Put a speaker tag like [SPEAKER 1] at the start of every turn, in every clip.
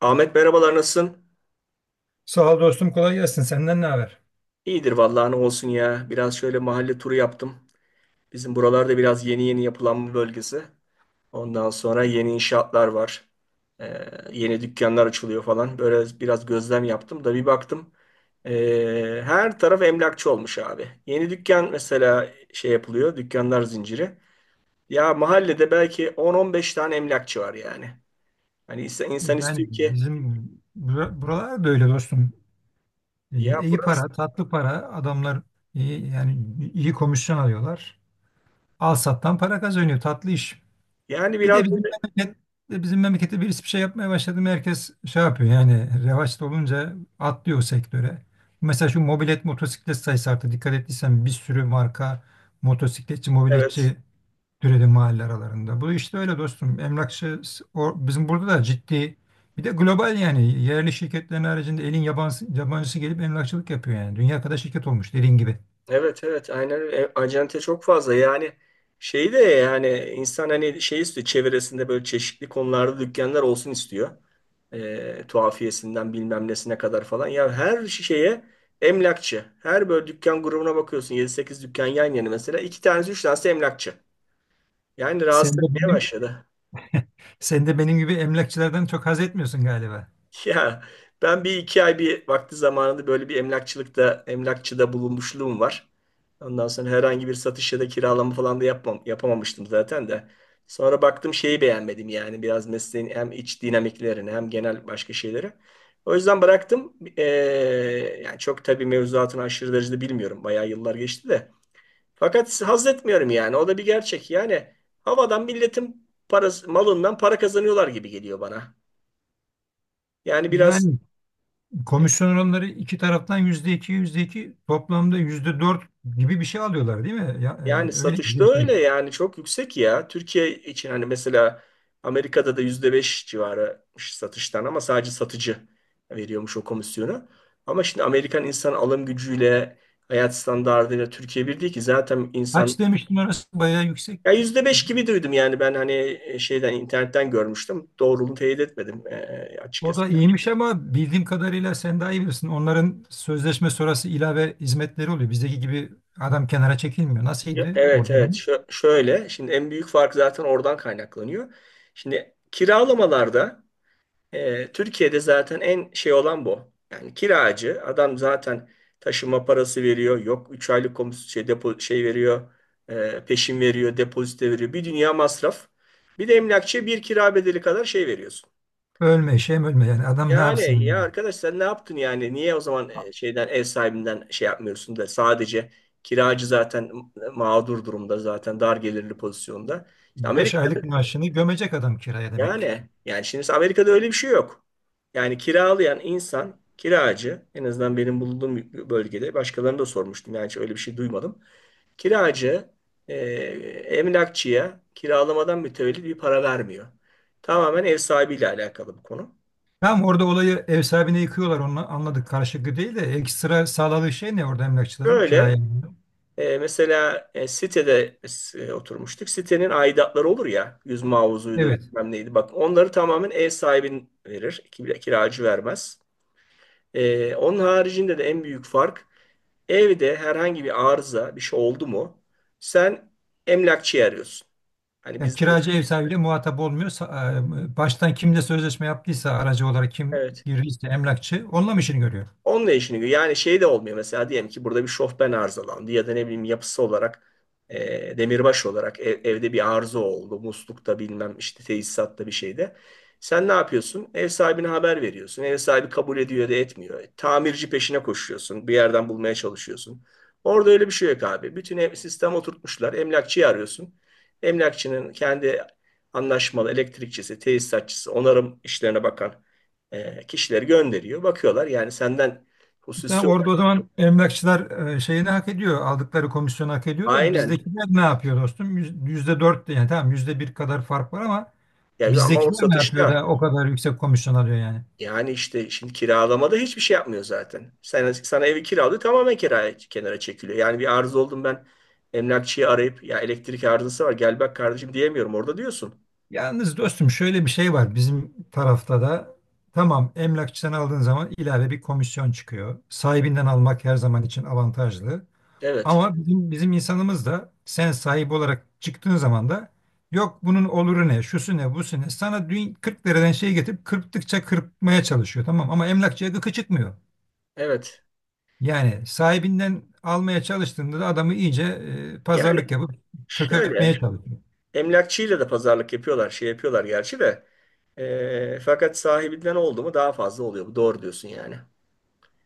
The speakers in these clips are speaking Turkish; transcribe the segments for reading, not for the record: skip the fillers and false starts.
[SPEAKER 1] Ahmet, merhabalar, nasılsın?
[SPEAKER 2] Sağ ol dostum, kolay gelsin. Senden ne haber?
[SPEAKER 1] İyidir vallahi, ne olsun ya. Biraz şöyle mahalle turu yaptım. Bizim buralarda biraz yeni yeni yapılanma bölgesi. Ondan sonra yeni inşaatlar var. Ee, yeni dükkanlar açılıyor falan. Böyle biraz gözlem yaptım da bir baktım. Her taraf emlakçı olmuş abi. Yeni dükkan mesela şey yapılıyor. Dükkanlar zinciri. Ya, mahallede belki 10-15 tane emlakçı var yani. Hani insan, insan
[SPEAKER 2] Yani
[SPEAKER 1] istiyor ki,
[SPEAKER 2] buralar da öyle dostum.
[SPEAKER 1] ya
[SPEAKER 2] İyi iyi
[SPEAKER 1] burası,
[SPEAKER 2] para, tatlı para. Adamlar iyi, yani iyi komisyon alıyorlar. Al sattan para kazanıyor. Tatlı iş.
[SPEAKER 1] yani
[SPEAKER 2] Bir
[SPEAKER 1] biraz
[SPEAKER 2] de bizim
[SPEAKER 1] böyle.
[SPEAKER 2] memleket, Bizim memlekette birisi bir şey yapmaya başladı mı herkes şey yapıyor. Yani revaçta olunca atlıyor o sektöre. Mesela şu mobilet motosiklet sayısı arttı. Dikkat ettiysen bir sürü marka motosikletçi,
[SPEAKER 1] Evet.
[SPEAKER 2] mobiletçi türedi mahalle aralarında. Bu işte öyle dostum. Emlakçı o, bizim burada da ciddi bir de global, yani yerli şirketlerin haricinde elin yabancısı gelip emlakçılık yapıyor yani. Dünya kadar şirket olmuş dediğin gibi.
[SPEAKER 1] Evet evet, aynen öyle. E, acente çok fazla, yani şeyi de yani insan hani şey istiyor, çevresinde böyle çeşitli konularda dükkanlar olsun istiyor. E, tuhafiyesinden bilmem nesine kadar falan. Ya, her şeye emlakçı. Her böyle dükkan grubuna bakıyorsun, yedi sekiz dükkan yan yana, mesela iki tanesi üç tanesi emlakçı. Yani rahatsız
[SPEAKER 2] Sen de
[SPEAKER 1] etmeye
[SPEAKER 2] benim,
[SPEAKER 1] başladı.
[SPEAKER 2] Sen de benim gibi emlakçılardan çok haz etmiyorsun galiba.
[SPEAKER 1] Ya, ben bir iki ay bir vakti zamanında böyle bir emlakçıda bulunmuşluğum var. Ondan sonra herhangi bir satış ya da kiralama falan da yapamamıştım zaten de. Sonra baktım şeyi beğenmedim, yani biraz mesleğin hem iç dinamiklerini hem genel başka şeyleri. O yüzden bıraktım. Yani çok tabii mevzuatını aşırı derecede bilmiyorum. Bayağı yıllar geçti de. Fakat haz etmiyorum yani. O da bir gerçek. Yani havadan milletin parası, malından para kazanıyorlar gibi geliyor bana. Yani biraz.
[SPEAKER 2] Yani komisyon oranları iki taraftan %2, yüzde iki, toplamda %4 gibi bir şey alıyorlar değil mi? Ya,
[SPEAKER 1] Yani
[SPEAKER 2] öyle
[SPEAKER 1] satışta
[SPEAKER 2] bir
[SPEAKER 1] öyle
[SPEAKER 2] şey.
[SPEAKER 1] yani, çok yüksek ya. Türkiye için hani mesela Amerika'da da %5 civarı satıştan, ama sadece satıcı veriyormuş o komisyonu. Ama şimdi Amerikan insan alım gücüyle, hayat standartıyla Türkiye bir değil ki zaten insan,
[SPEAKER 2] Kaç demiştin, orası bayağı yüksek.
[SPEAKER 1] ya %5 gibi duydum yani ben, hani şeyden internetten görmüştüm. Doğruluğunu teyit etmedim,
[SPEAKER 2] O
[SPEAKER 1] açıkçası.
[SPEAKER 2] da iyiymiş ama bildiğim kadarıyla sen daha iyi bilirsin. Onların sözleşme sonrası ilave hizmetleri oluyor. Bizdeki gibi adam kenara çekilmiyor.
[SPEAKER 1] Ya,
[SPEAKER 2] Nasılydı
[SPEAKER 1] evet
[SPEAKER 2] orada
[SPEAKER 1] evet.
[SPEAKER 2] durum?
[SPEAKER 1] Şöyle şimdi en büyük fark zaten oradan kaynaklanıyor. Şimdi kiralamalarda Türkiye'de zaten en şey olan bu. Yani kiracı adam zaten taşıma parası veriyor. Yok, 3 aylık şey, depo şey veriyor. Peşin veriyor, depozite veriyor. Bir dünya masraf. Bir de emlakçıya bir kira bedeli kadar şey veriyorsun.
[SPEAKER 2] Ölme, şey mi, ölme yani adam ne
[SPEAKER 1] Yani ya
[SPEAKER 2] yapsın?
[SPEAKER 1] arkadaş, sen ne yaptın yani? Niye o zaman şeyden ev sahibinden şey yapmıyorsun da sadece kiracı zaten mağdur durumda, zaten dar gelirli pozisyonda. İşte
[SPEAKER 2] 5
[SPEAKER 1] Amerika.
[SPEAKER 2] aylık maaşını gömecek adam kiraya demek.
[SPEAKER 1] Yani şimdi Amerika'da öyle bir şey yok. Yani kiralayan insan, kiracı, en azından benim bulunduğum bölgede başkalarını da sormuştum, yani hiç öyle bir şey duymadım. Kiracı e, emlakçıya kiralamadan mütevellit bir para vermiyor. Tamamen ev sahibiyle alakalı bu konu.
[SPEAKER 2] Tamam, orada olayı ev sahibine yıkıyorlar onu anladık, karşılıklı değil de ekstra sağladığı şey ne orada emlakçıların kiraya?
[SPEAKER 1] Böyle mesela sitede oturmuştuk. Sitenin aidatları olur ya, yüz mavuzuydu
[SPEAKER 2] Evet.
[SPEAKER 1] bilmem neydi, bak onları tamamen ev sahibin verir. Kiracı vermez. Onun haricinde de en büyük fark, evde herhangi bir arıza, bir şey oldu mu sen emlakçıyı arıyorsun. Hani
[SPEAKER 2] Yani
[SPEAKER 1] bizde mesela,
[SPEAKER 2] kiracı ev sahibiyle muhatap olmuyor. Baştan kimle sözleşme yaptıysa, aracı olarak kim
[SPEAKER 1] evet.
[SPEAKER 2] girdiyse emlakçı onunla mı işini görüyor?
[SPEAKER 1] Onunla işini görüyor. Yani şey de olmuyor, mesela diyelim ki burada bir şofben arızalandı ya da ne bileyim, yapısı olarak demirbaş olarak evde bir arıza oldu. Muslukta bilmem işte, tesisatta, bir şeyde. Sen ne yapıyorsun? Ev sahibine haber veriyorsun. Ev sahibi kabul ediyor ya da etmiyor. Tamirci peşine koşuyorsun. Bir yerden bulmaya çalışıyorsun. Orada öyle bir şey yok abi. Bütün ev, sistem oturtmuşlar. Emlakçıyı arıyorsun. Emlakçının kendi anlaşmalı elektrikçisi, tesisatçısı, onarım işlerine bakan kişileri gönderiyor. Bakıyorlar yani, senden hususi
[SPEAKER 2] Tamam, orada o
[SPEAKER 1] olarak-
[SPEAKER 2] zaman emlakçılar şeyini hak ediyor. Aldıkları komisyonu hak ediyor da
[SPEAKER 1] aynen.
[SPEAKER 2] bizdekiler ne yapıyor dostum? Yüzde dört de yani tamam, %1 kadar fark var ama
[SPEAKER 1] Ya ama o
[SPEAKER 2] bizdekiler ne yapıyor
[SPEAKER 1] satışta,
[SPEAKER 2] da o kadar yüksek komisyon alıyor yani.
[SPEAKER 1] yani işte şimdi kiralamada hiçbir şey yapmıyor zaten. Sana evi kiralıyor, tamamen kiraya, kenara çekiliyor. Yani bir arıza oldum ben, emlakçıyı arayıp ya elektrik arızası var gel bak kardeşim diyemiyorum orada, diyorsun.
[SPEAKER 2] Yalnız dostum şöyle bir şey var bizim tarafta da, tamam emlakçıdan aldığın zaman ilave bir komisyon çıkıyor. Sahibinden almak her zaman için avantajlı.
[SPEAKER 1] Evet.
[SPEAKER 2] Ama bizim insanımız da sen sahip olarak çıktığın zaman da yok bunun oluru ne, şusu ne, busu ne. Sana dün 40 liradan şey getirip kırptıkça kırpmaya çalışıyor, tamam ama emlakçıya gıkı çıkmıyor.
[SPEAKER 1] Evet.
[SPEAKER 2] Yani sahibinden almaya çalıştığında da adamı iyice
[SPEAKER 1] Yani
[SPEAKER 2] pazarlık yapıp
[SPEAKER 1] şöyle,
[SPEAKER 2] çökertmeye çalışıyor.
[SPEAKER 1] emlakçıyla da pazarlık yapıyorlar, şey yapıyorlar gerçi de. Fakat sahibinden oldu mu daha fazla oluyor. Bu doğru, diyorsun yani.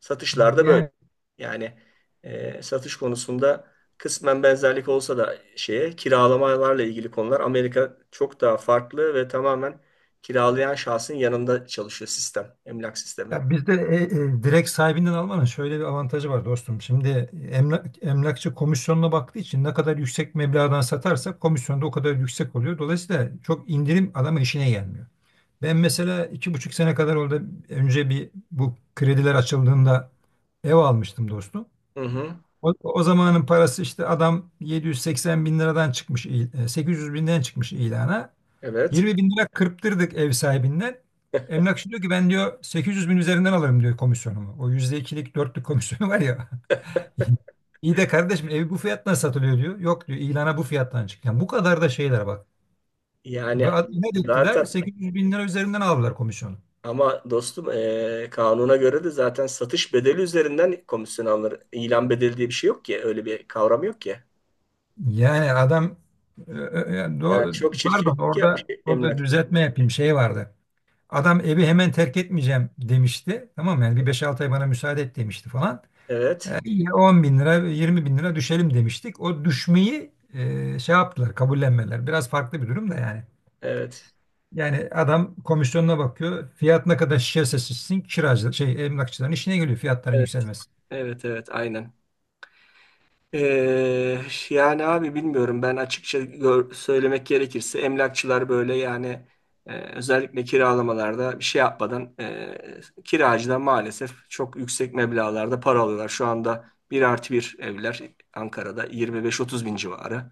[SPEAKER 1] Satışlarda böyle.
[SPEAKER 2] Yani
[SPEAKER 1] Yani satış konusunda kısmen benzerlik olsa da şeye, kiralamalarla ilgili konular Amerika çok daha farklı ve tamamen kiralayan şahsın yanında çalışıyor sistem, emlak sistemi.
[SPEAKER 2] ya bizde direkt sahibinden almanın şöyle bir avantajı var dostum. Şimdi emlakçı komisyonuna baktığı için ne kadar yüksek meblağdan satarsak komisyon da o kadar yüksek oluyor. Dolayısıyla çok indirim adamın işine gelmiyor. Ben mesela 2,5 sene kadar orada önce bir bu krediler açıldığında ev almıştım dostum.
[SPEAKER 1] Hı hı,
[SPEAKER 2] O zamanın parası, işte adam 780 bin liradan çıkmış, 800 binden çıkmış ilana.
[SPEAKER 1] evet.
[SPEAKER 2] 20 bin lira kırptırdık ev sahibinden. Emlakçı diyor ki ben diyor 800 bin üzerinden alırım diyor komisyonumu. O yüzde ikilik 4'lük komisyonu var ya. İyi de kardeşim evi bu fiyattan satılıyor diyor. Yok diyor, ilana bu fiyattan çık. Yani bu kadar da şeyler bak. Ve
[SPEAKER 1] Yani
[SPEAKER 2] ne ettiler?
[SPEAKER 1] zaten
[SPEAKER 2] 800 bin lira üzerinden aldılar komisyonu.
[SPEAKER 1] ama dostum, kanuna göre de zaten satış bedeli üzerinden komisyon alınır. İlan bedeli diye bir şey yok ki. Öyle bir kavram yok ki.
[SPEAKER 2] Yani adam yani
[SPEAKER 1] Yani çok
[SPEAKER 2] pardon
[SPEAKER 1] çirkeflik yapmış
[SPEAKER 2] orada
[SPEAKER 1] emlakçı.
[SPEAKER 2] düzeltme yapayım, şey vardı. Adam evi hemen terk etmeyeceğim demişti. Tamam mı? Yani bir beş altı ay bana müsaade et demişti falan.
[SPEAKER 1] Evet,
[SPEAKER 2] İyi, 10 bin lira, 20 bin lira düşelim demiştik. O düşmeyi şey yaptılar, kabullenmeler. Biraz farklı bir durum da yani.
[SPEAKER 1] evet.
[SPEAKER 2] Yani adam komisyonuna bakıyor. Fiyat ne kadar şişerse şişsin kiracı, şey, emlakçıların işine geliyor fiyatların
[SPEAKER 1] Evet.
[SPEAKER 2] yükselmesi.
[SPEAKER 1] Evet, evet, aynen. Ee, Yani abi bilmiyorum, ben açıkça söylemek gerekirse emlakçılar böyle yani, özellikle kiralamalarda bir şey yapmadan kiracıdan maalesef çok yüksek meblağlarda para alıyorlar. Şu anda 1+1 evler Ankara'da 25-30 bin civarı.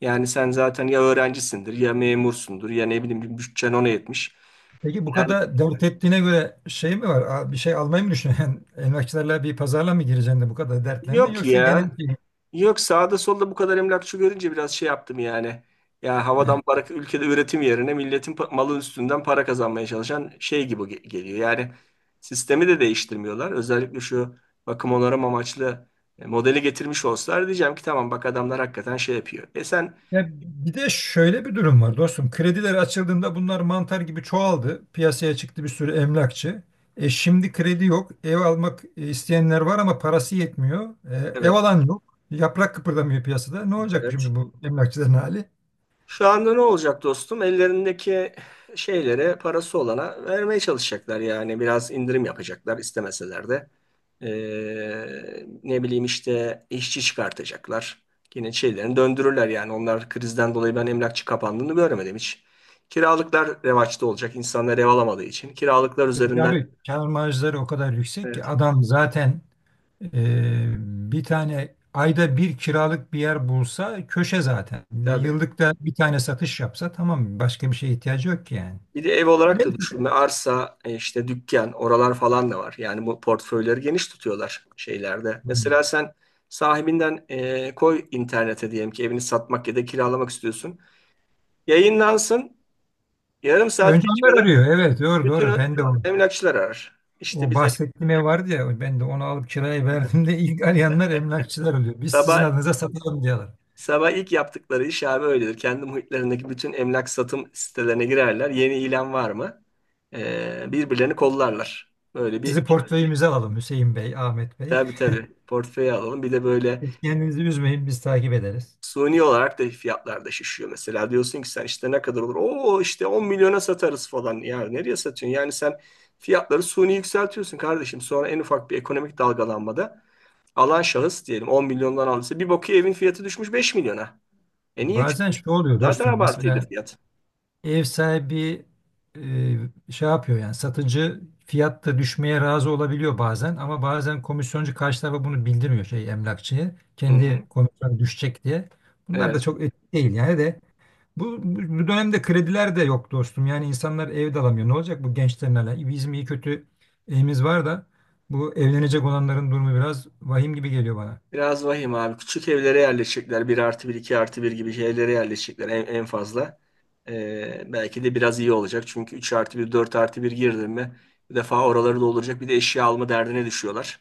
[SPEAKER 1] Yani sen zaten ya öğrencisindir ya memursundur ya ne bileyim, bir bütçen ona yetmiş.
[SPEAKER 2] Peki bu
[SPEAKER 1] Yani
[SPEAKER 2] kadar dert ettiğine göre şey mi var? Bir şey almayı mı düşünüyorsun? Emlakçılarla bir pazarla mı gireceksin de bu kadar dertlendin
[SPEAKER 1] yok
[SPEAKER 2] yoksa genel
[SPEAKER 1] ya.
[SPEAKER 2] şey mi?
[SPEAKER 1] Yok, sağda solda bu kadar emlakçı görünce biraz şey yaptım yani. Ya, havadan para, ülkede üretim yerine milletin malı üstünden para kazanmaya çalışan şey gibi geliyor. Yani sistemi de değiştirmiyorlar. Özellikle şu bakım onarım amaçlı modeli getirmiş olsalar diyeceğim ki tamam bak, adamlar hakikaten şey yapıyor. E sen.
[SPEAKER 2] Ya bir de şöyle bir durum var dostum. Krediler açıldığında bunlar mantar gibi çoğaldı. Piyasaya çıktı bir sürü emlakçı. E şimdi kredi yok. Ev almak isteyenler var ama parası yetmiyor. E, ev
[SPEAKER 1] Evet,
[SPEAKER 2] alan yok. Yaprak kıpırdamıyor piyasada. Ne olacak
[SPEAKER 1] evet.
[SPEAKER 2] şimdi bu emlakçıların hali?
[SPEAKER 1] Şu anda ne olacak dostum? Ellerindeki şeylere, parası olana vermeye çalışacaklar yani. Biraz indirim yapacaklar istemeseler de. Ne bileyim işte, işçi çıkartacaklar. Yine şeylerini döndürürler yani. Onlar, krizden dolayı ben emlakçı kapandığını göremedim hiç. Kiralıklar revaçta olacak. İnsanlar ev alamadığı için. Kiralıklar
[SPEAKER 2] Çünkü
[SPEAKER 1] üzerinden.
[SPEAKER 2] abi kâr marjları o kadar yüksek ki
[SPEAKER 1] Evet.
[SPEAKER 2] adam zaten e, bir tane ayda bir kiralık bir yer bulsa köşe zaten. Bir
[SPEAKER 1] Tabii.
[SPEAKER 2] yıllıkta bir tane satış yapsa tamam, başka bir şeye ihtiyacı yok ki yani.
[SPEAKER 1] Bir de ev olarak da
[SPEAKER 2] Neyse.
[SPEAKER 1] düşünme. Arsa, işte dükkan, oralar falan da var. Yani bu portföyleri geniş tutuyorlar şeylerde. Mesela sen sahibinden koy internete, diyelim ki evini satmak ya da kiralamak istiyorsun. Yayınlansın. Yarım saat
[SPEAKER 2] Önce onlar
[SPEAKER 1] geçmeden
[SPEAKER 2] arıyor. Evet, doğru
[SPEAKER 1] bütün
[SPEAKER 2] doğru. Ben de
[SPEAKER 1] emlakçılar arar. İşte
[SPEAKER 2] o
[SPEAKER 1] biz.
[SPEAKER 2] bahsettiğim ev vardı ya, ben de onu alıp kiraya
[SPEAKER 1] Evet.
[SPEAKER 2] verdiğimde ilk arayanlar emlakçılar oluyor. Biz sizin
[SPEAKER 1] Sabah
[SPEAKER 2] adınıza satalım diyorlar.
[SPEAKER 1] sabah ilk yaptıkları iş abi öyledir. Kendi muhitlerindeki bütün emlak satım sitelerine girerler. Yeni ilan var mı? Birbirlerini kollarlar. Böyle bir,
[SPEAKER 2] Sizi portföyümüze alalım Hüseyin Bey, Ahmet Bey.
[SPEAKER 1] tabii tabii portföy alalım. Bir de böyle
[SPEAKER 2] Hiç kendinizi üzmeyin biz takip ederiz.
[SPEAKER 1] suni olarak da fiyatlar da şişiyor. Mesela diyorsun ki sen işte ne kadar olur? Oo, işte 10 milyona satarız falan. Yani nereye satıyorsun? Yani sen fiyatları suni yükseltiyorsun kardeşim. Sonra en ufak bir ekonomik dalgalanmada alan şahıs, diyelim 10 milyondan aldıysa, bir bakıyor evin fiyatı düşmüş 5 milyona. E niye?
[SPEAKER 2] Bazen
[SPEAKER 1] Çünkü
[SPEAKER 2] şu oluyor
[SPEAKER 1] zaten, tabii,
[SPEAKER 2] dostum,
[SPEAKER 1] abartıydı
[SPEAKER 2] mesela
[SPEAKER 1] fiyat.
[SPEAKER 2] ev sahibi şey yapıyor yani satıcı fiyatta düşmeye razı olabiliyor bazen ama bazen komisyoncu karşı tarafa bunu bildirmiyor, şey emlakçıya.
[SPEAKER 1] Hı hı.
[SPEAKER 2] Kendi komisyon düşecek diye. Bunlar da
[SPEAKER 1] Evet.
[SPEAKER 2] çok etik değil yani de bu dönemde krediler de yok dostum. Yani insanlar ev de alamıyor. Ne olacak bu gençlerin hala? Bizim iyi kötü evimiz var da bu evlenecek olanların durumu biraz vahim gibi geliyor bana.
[SPEAKER 1] Biraz vahim abi. Küçük evlere yerleşecekler. 1+1, 2+1 gibi evlere yerleşecekler en fazla. Belki de biraz iyi olacak. Çünkü 3+1, 4+1 girdin mi bir defa oraları dolduracak. Bir de eşya alma derdine düşüyorlar.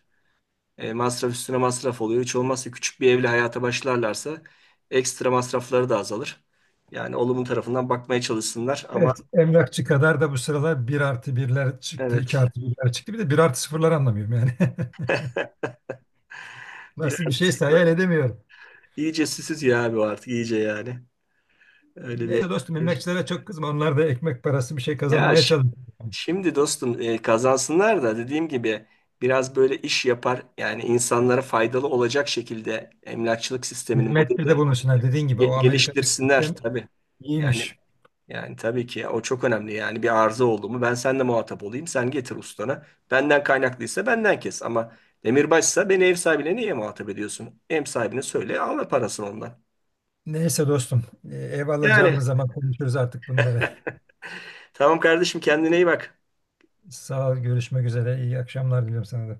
[SPEAKER 1] Masraf üstüne masraf oluyor. Hiç olmazsa küçük bir evle hayata başlarlarsa ekstra masrafları da azalır. Yani olumlu tarafından bakmaya çalışsınlar ama.
[SPEAKER 2] Evet, emlakçı kadar da bu sıralar bir artı birler çıktı, 2
[SPEAKER 1] Evet.
[SPEAKER 2] artı birler çıktı. Bir de bir artı sıfırlar, anlamıyorum yani. Nasıl bir
[SPEAKER 1] Biraz
[SPEAKER 2] şeyse hayal edemiyorum.
[SPEAKER 1] iyice süsüz ya abi, o artık iyice yani. Öyle bir...
[SPEAKER 2] Neyse dostum, emekçilere çok kızma. Onlar da ekmek parası bir şey
[SPEAKER 1] Ya,
[SPEAKER 2] kazanmaya çalışıyor.
[SPEAKER 1] şimdi dostum, kazansınlar da dediğim gibi biraz böyle iş yapar yani, insanlara faydalı olacak şekilde emlakçılık sistemini,
[SPEAKER 2] Hizmette de
[SPEAKER 1] modeli
[SPEAKER 2] bulunsunlar. Dediğin gibi o Amerika'daki
[SPEAKER 1] geliştirsinler
[SPEAKER 2] sistem
[SPEAKER 1] tabii. Yani
[SPEAKER 2] iyiymiş.
[SPEAKER 1] yani tabii ki o çok önemli. Yani bir arıza oldu mu ben seninle muhatap olayım, sen getir ustana. Benden kaynaklıysa benden kes ama demirbaşsa beni ev sahibine niye muhatap ediyorsun? Ev sahibine söyle, al parasını ondan.
[SPEAKER 2] Neyse dostum, ev
[SPEAKER 1] Yani
[SPEAKER 2] alacağımız zaman konuşuruz artık bunları.
[SPEAKER 1] tamam kardeşim, kendine iyi bak.
[SPEAKER 2] Sağ ol, görüşmek üzere. İyi akşamlar diliyorum sana da.